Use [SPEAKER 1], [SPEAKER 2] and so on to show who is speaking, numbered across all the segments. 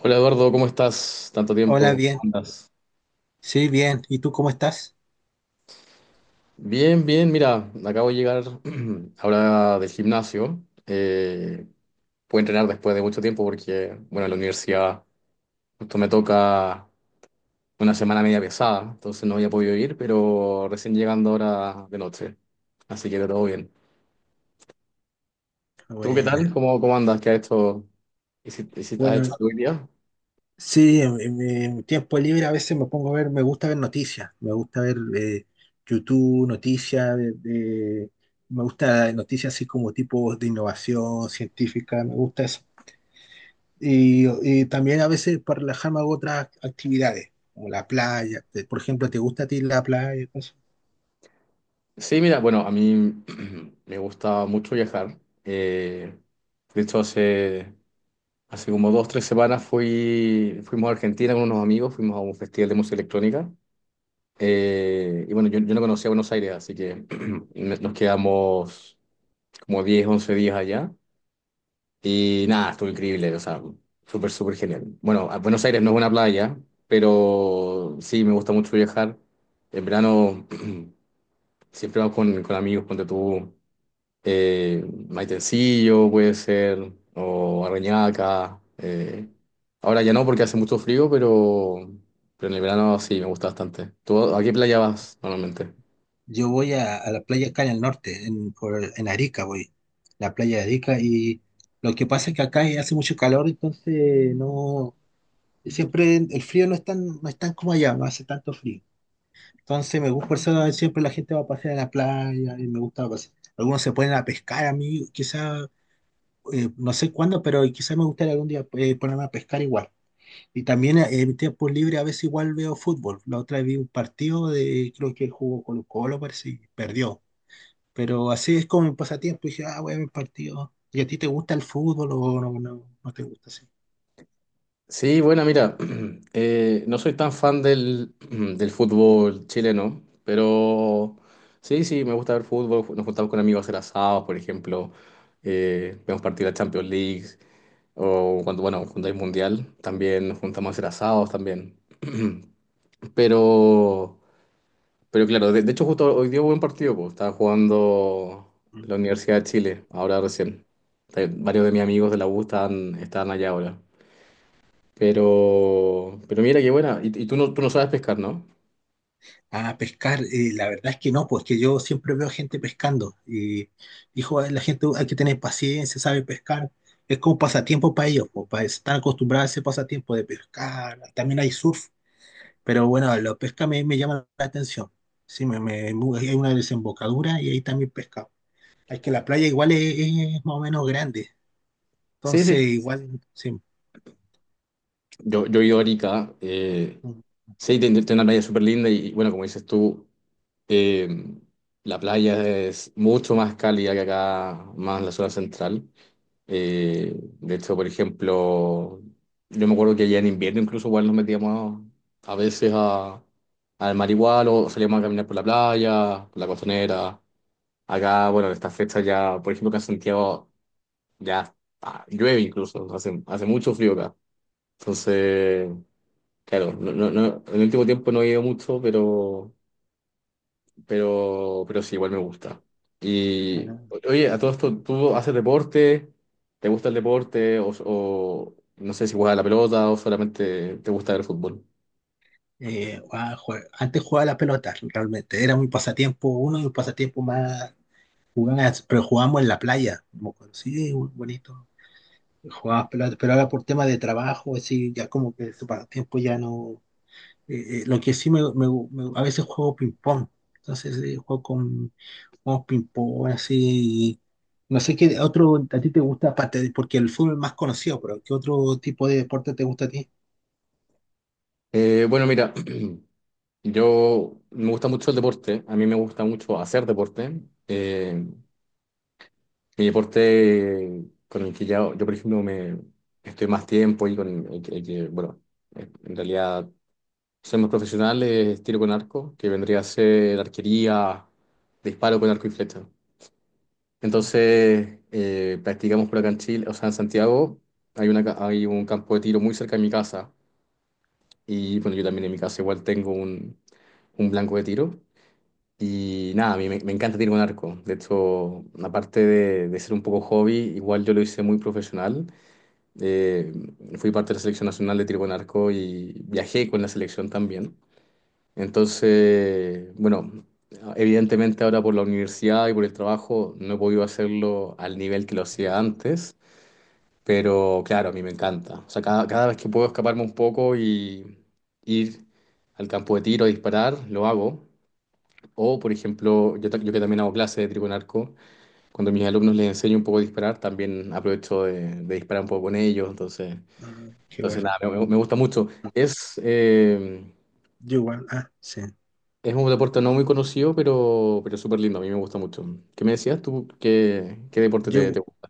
[SPEAKER 1] Hola Eduardo, ¿cómo estás? Tanto
[SPEAKER 2] Hola,
[SPEAKER 1] tiempo, ¿cómo
[SPEAKER 2] bien.
[SPEAKER 1] andas?
[SPEAKER 2] Sí, bien. ¿Y tú cómo estás?
[SPEAKER 1] Bien, bien, mira, acabo de llegar ahora del gimnasio. Puedo entrenar después de mucho tiempo porque, bueno, en la universidad justo me toca una semana media pesada, entonces no había podido ir, pero recién llegando ahora de noche, así que todo bien. ¿Tú qué tal?
[SPEAKER 2] Buena.
[SPEAKER 1] ¿Cómo andas? ¿Qué has hecho? ¿Has
[SPEAKER 2] Bueno,
[SPEAKER 1] hecho algo hoy día?
[SPEAKER 2] sí, en mi tiempo libre a veces me pongo a ver, me gusta ver noticias, me gusta ver YouTube, noticias, me gusta noticias así como tipos de innovación científica, me gusta eso. Y, y también a veces para relajarme hago otras actividades, como la playa. Por ejemplo, ¿te gusta a ti la playa?
[SPEAKER 1] Sí, mira, bueno, a mí me gusta mucho viajar. Eh, de hecho, Hace como 2, 3 semanas fuimos a Argentina con unos amigos, fuimos a un festival de música electrónica. Y bueno, yo no conocía Buenos Aires, así que nos quedamos como 10 11 días allá. Y nada, estuvo increíble, o sea, súper, súper genial. Bueno, Buenos Aires no es una playa, pero sí, me gusta mucho viajar. En verano siempre vamos con, amigos, ponte tú maitencillo puede ser, o arrañaca. Ahora ya no porque hace mucho frío, pero en el verano sí, me gusta bastante. ¿Tú a qué playa vas normalmente?
[SPEAKER 2] Yo voy a la playa acá en el norte, en Arica voy, la playa de Arica, y lo que pasa es que acá hace mucho calor, entonces no, siempre el frío no es tan como allá, no hace tanto frío. Entonces me gusta, por eso siempre la gente va a pasear a la playa, y me gusta pasear. Algunos se ponen a pescar a mí, quizá, no sé cuándo, pero quizá me gustaría algún día ponerme a pescar igual. Y también en mi tiempo libre a veces igual veo fútbol. La otra vez vi un partido creo que jugó Colo Colo, parece, y perdió. Pero así es como mi pasatiempo. Y dije, ah, voy a ver partidos. ¿Y a ti te gusta el fútbol o no, no, no te gusta así?
[SPEAKER 1] Sí, bueno, mira, no soy tan fan del fútbol chileno, pero sí, sí, me gusta ver fútbol. Nos juntamos con amigos a hacer asados, por ejemplo. Vemos partidos de la Champions League, o cuando, bueno, cuando hay mundial, también nos juntamos a hacer asados también. Pero, pero, claro, de hecho justo hoy dio buen partido, pues estaba jugando
[SPEAKER 2] Mm.
[SPEAKER 1] la Universidad de Chile, ahora
[SPEAKER 2] Sí.
[SPEAKER 1] recién. Varios de mis amigos de la U están, allá ahora. pero mira qué buena. y, tú no sabes pescar, ¿no?
[SPEAKER 2] Ah, pescar, la verdad es que no, pues que yo siempre veo gente pescando y dijo, la gente hay que tener paciencia, sabe pescar, es como pasatiempo para ellos, pues, para estar acostumbrados a ese pasatiempo de pescar, también hay surf, pero bueno, la pesca me llama la atención, sí, hay una desembocadura y ahí también pesca, es que la playa igual es más o menos grande,
[SPEAKER 1] Sí,
[SPEAKER 2] entonces
[SPEAKER 1] sí.
[SPEAKER 2] igual, sí,
[SPEAKER 1] yo, he ido a Arica. Sí, tiene una playa súper linda y, bueno, como dices tú, eh, la playa es mucho más cálida que acá, más en la zona central. De hecho, por ejemplo, yo me acuerdo que allá en invierno incluso igual nos metíamos a veces al mar igual o salíamos a caminar por la playa, por la costanera. Acá, bueno, en estas fechas ya, por ejemplo, acá en Santiago ya llueve incluso, hace, mucho frío acá. Entonces, claro, no, no, en el último tiempo no he ido mucho, pero, sí, igual me gusta. Y
[SPEAKER 2] Ah,
[SPEAKER 1] oye, a todo esto, ¿tú haces deporte? ¿Te gusta el deporte? ¿o no sé si juegas a la pelota o solamente te gusta ver el fútbol?
[SPEAKER 2] antes jugaba la pelota, realmente. Era mi pasatiempo, uno de mis pasatiempos más jugadas, pero jugábamos en la playa. Como que, sí, bonito. Jugábamos pelota, pero ahora por tema de trabajo, así, ya como que ese pasatiempo ya no. Lo que sí a veces juego ping-pong. Entonces, juego ping-pong, así. No sé qué otro a ti te gusta, aparte, porque el fútbol es más conocido, pero ¿qué otro tipo de deporte te gusta a ti?
[SPEAKER 1] Bueno, mira, yo me gusta mucho el deporte, a mí me gusta mucho hacer deporte. Eh, mi deporte con el que ya, yo, por ejemplo, me estoy más tiempo y con el que, bueno, en realidad ser más profesional es tiro con arco, que vendría a ser arquería, disparo con arco y flecha. Entonces, practicamos por acá en Chile, o sea, en Santiago, hay un campo de tiro muy cerca de mi casa. Y bueno, yo también en mi casa igual tengo un, blanco de tiro. Y nada, a mí me, encanta tiro con arco. De hecho, aparte de ser un poco hobby, igual yo lo hice muy profesional. Eh, fui parte de la selección nacional de tiro con arco y viajé con la selección también. Entonces, bueno, evidentemente ahora por la universidad y por el trabajo no he podido hacerlo al nivel que lo hacía antes, pero claro, a mí me encanta. O sea, cada, vez que puedo escaparme un poco y ir al campo de tiro a disparar, lo hago. O, por ejemplo, yo que también hago clases de tiro con arco, cuando a mis alumnos les enseño un poco a disparar, también aprovecho de, disparar un poco con ellos. Entonces,
[SPEAKER 2] Ah, qué
[SPEAKER 1] entonces
[SPEAKER 2] bueno.
[SPEAKER 1] nada, me gusta mucho. Es, eh,
[SPEAKER 2] Yo, igual, ah, sí.
[SPEAKER 1] Es un deporte no muy conocido, pero súper lindo. A mí me gusta mucho. ¿Qué me decías tú? ¿qué, deporte te,
[SPEAKER 2] Yo,
[SPEAKER 1] te gusta?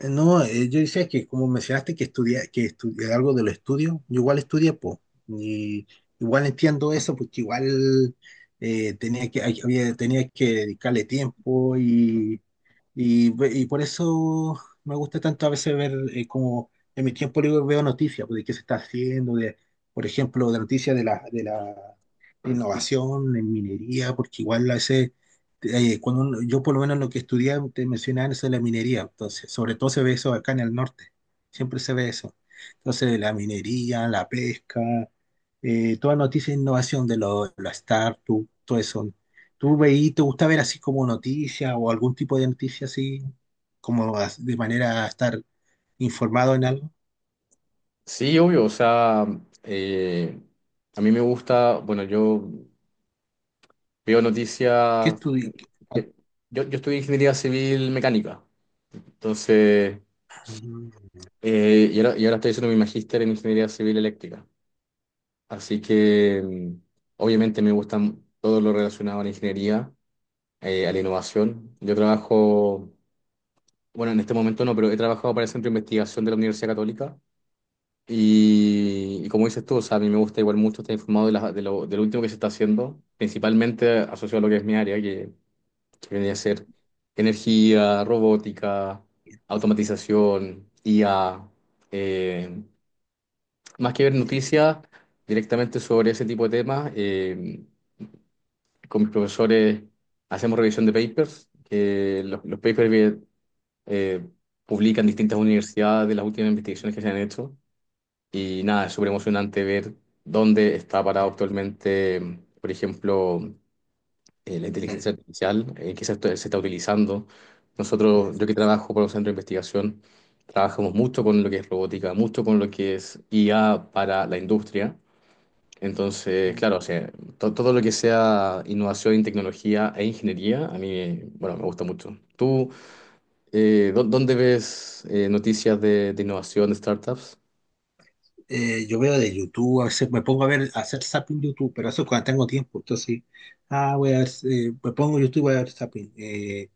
[SPEAKER 2] no, yo decía que como mencionaste que estudia algo de los estudios, yo igual estudié, pues, y igual entiendo eso, porque igual tenía que dedicarle tiempo y, Y por eso me gusta tanto a veces ver como en mi tiempo libre veo noticias pues, de qué se está haciendo, de, por ejemplo, de noticias de la innovación en minería, porque igual a veces, yo por lo menos lo que estudié, te mencionaban eso de la minería, entonces, sobre todo se ve eso acá en el norte, siempre se ve eso. Entonces, la minería, la pesca, toda noticia de innovación la startup, todo eso. ¿Te gusta ver así como noticias o algún tipo de noticia así, de manera a estar informado en algo?
[SPEAKER 1] Sí, obvio. O sea, eh, a mí me gusta, bueno, yo veo
[SPEAKER 2] ¿Qué
[SPEAKER 1] noticias.
[SPEAKER 2] estudi- qué-
[SPEAKER 1] que- yo, estudié ingeniería civil mecánica. Entonces,
[SPEAKER 2] Mm.
[SPEAKER 1] y ahora estoy haciendo mi magíster en ingeniería civil eléctrica. Así que, obviamente, me gusta todo lo relacionado a la ingeniería, a la innovación. Yo trabajo. Bueno, en este momento no, pero he trabajado para el Centro de Investigación de la Universidad Católica y, como dices tú, o sea, a mí me gusta igual mucho estar informado de lo último que se está haciendo, principalmente asociado a lo que es mi área, que, viene a ser energía, robótica, automatización, IA. eh, más que ver noticias directamente sobre ese tipo de temas, con mis profesores hacemos revisión de papers, que los papers eh, publican distintas universidades de las últimas investigaciones que se han hecho. Y nada, es súper emocionante ver dónde está parado
[SPEAKER 2] eh,
[SPEAKER 1] actualmente, por ejemplo, la
[SPEAKER 2] eh,
[SPEAKER 1] inteligencia artificial, que se está utilizando.
[SPEAKER 2] eh,
[SPEAKER 1] Nosotros, yo que trabajo por un centro de investigación, trabajamos mucho con lo que es robótica, mucho con lo que es IA para la industria. Entonces,
[SPEAKER 2] eh,
[SPEAKER 1] claro, o sea, todo lo que sea innovación en tecnología e ingeniería, a mí, bueno, me gusta mucho. ¿Tú ¿dónde ves noticias de, innovación, de startups?
[SPEAKER 2] Yo veo de YouTube, a veces me pongo a ver, a hacer zapping YouTube, pero eso es cuando tengo tiempo, entonces, ah, voy a ver, me pongo YouTube, voy a ver zapping, eh,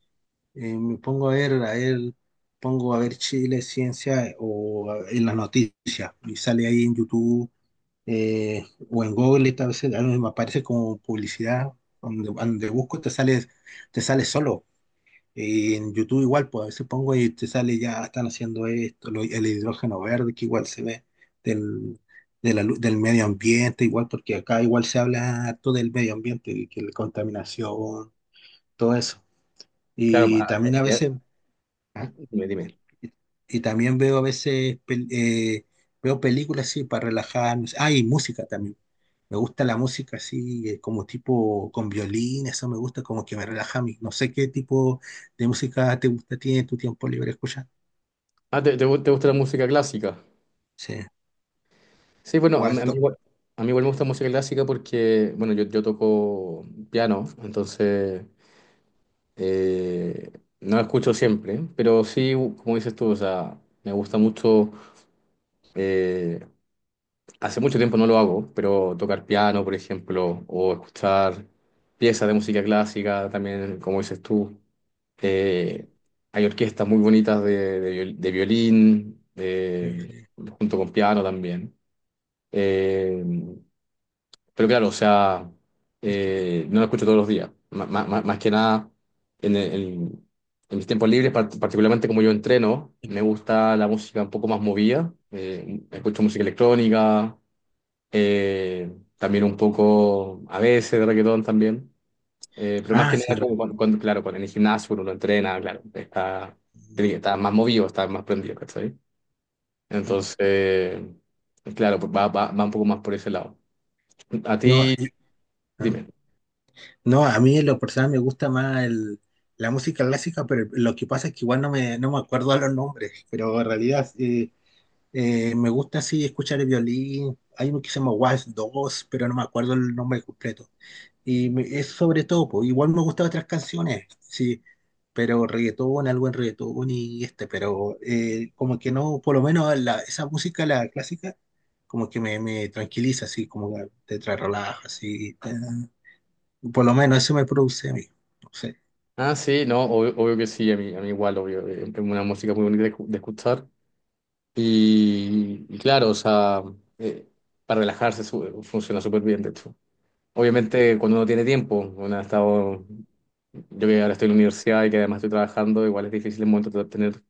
[SPEAKER 2] eh, me pongo a ver, pongo a ver Chile, ciencia en las noticias, y sale ahí en YouTube o en Google a veces a mí me aparece como publicidad, donde busco te sale solo. Y en YouTube igual, pues a veces pongo y te sale ya, están haciendo esto, el hidrógeno verde que igual se ve del, de la lu- del medio ambiente, igual porque acá igual se habla harto del medio ambiente, y que la contaminación, todo eso.
[SPEAKER 1] Claro,
[SPEAKER 2] Y
[SPEAKER 1] ah,
[SPEAKER 2] también
[SPEAKER 1] ah,
[SPEAKER 2] a
[SPEAKER 1] ya,
[SPEAKER 2] veces, ¿ah?
[SPEAKER 1] dime, dime.
[SPEAKER 2] y, y también veo a veces, veo películas, sí, para relajarme. Ah, y música también. Me gusta la música así, como tipo con violín, eso me gusta, como que me relaja a mí. No sé qué tipo de música te gusta, tiene tu tiempo libre escuchar.
[SPEAKER 1] Ah, ¿te gusta la música clásica?
[SPEAKER 2] Sí.
[SPEAKER 1] Sí, bueno, a mí, a mí
[SPEAKER 2] Waldo.
[SPEAKER 1] igual, a mí igual me gusta música clásica porque, bueno, yo toco piano, entonces eh, no la escucho siempre, pero sí, como dices tú, o sea, me gusta mucho eh, Hace mucho tiempo no lo hago, pero tocar piano, por ejemplo, o escuchar piezas de música clásica, también, como dices tú. Eh, hay orquestas muy bonitas de violín,
[SPEAKER 2] Eh,
[SPEAKER 1] junto con piano también. Eh, pero claro, o sea,
[SPEAKER 2] es que-
[SPEAKER 1] no lo escucho todos los días. Más que nada, en, el- en- en mis tiempos libres, particularmente como yo entreno, me gusta la música un poco más movida. Escucho música electrónica, también un poco a veces de reggaetón también, pero más
[SPEAKER 2] Ah,
[SPEAKER 1] que
[SPEAKER 2] sí,
[SPEAKER 1] nada como cuando, claro, cuando en el gimnasio uno no entrena, claro, está, más movido, está más prendido, ¿cachai? Entonces, claro, pues va un poco más por ese lado. A
[SPEAKER 2] no,
[SPEAKER 1] ti,
[SPEAKER 2] ah.
[SPEAKER 1] dime.
[SPEAKER 2] No, a mí en lo personal me gusta más la música clásica, pero lo que pasa es que igual no me acuerdo a los nombres, pero en realidad me gusta así escuchar el violín. Hay uno que se llama Waltz 2, pero no me acuerdo el nombre completo. Es sobre todo, po, igual me gustan otras canciones, sí, pero reggaetón, algo en reggaetón y este, pero como que no, por lo menos esa música, la clásica, como que me tranquiliza, así, como que te trae relaja, así, por lo menos eso me produce a mí, no sé,
[SPEAKER 1] Ah, sí, no, obvio, obvio que sí, a mí, igual, obvio, es una música muy bonita de escuchar y claro, o sea, eh, para relajarse funciona súper bien, de hecho.
[SPEAKER 2] Mm,
[SPEAKER 1] Obviamente, cuando uno tiene tiempo, uno ha
[SPEAKER 2] mm.
[SPEAKER 1] estado, yo que ahora estoy en la universidad y que además estoy trabajando, igual es difícil en un momento tener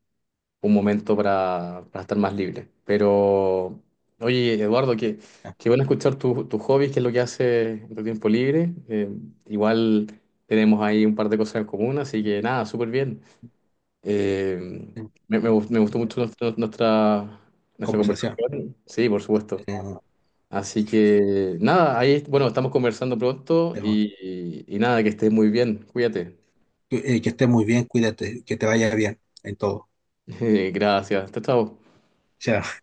[SPEAKER 1] un momento para, estar más libre. Pero, oye, Eduardo, qué bueno escuchar tus hobbies, qué es lo que haces en tu tiempo libre. Igual tenemos ahí un par de cosas en común, así que nada, súper bien. Eh,
[SPEAKER 2] eh,
[SPEAKER 1] me gustó mucho nuestra
[SPEAKER 2] Conversación.
[SPEAKER 1] conversación. Sí, por supuesto.
[SPEAKER 2] eh,
[SPEAKER 1] Así que nada, ahí, bueno, estamos conversando pronto
[SPEAKER 2] Tema.
[SPEAKER 1] y nada, que estés muy bien, cuídate.
[SPEAKER 2] Que estés muy bien, cuídate, que te vaya bien en todo.
[SPEAKER 1] Gracias, hasta chao, chao.
[SPEAKER 2] Chao.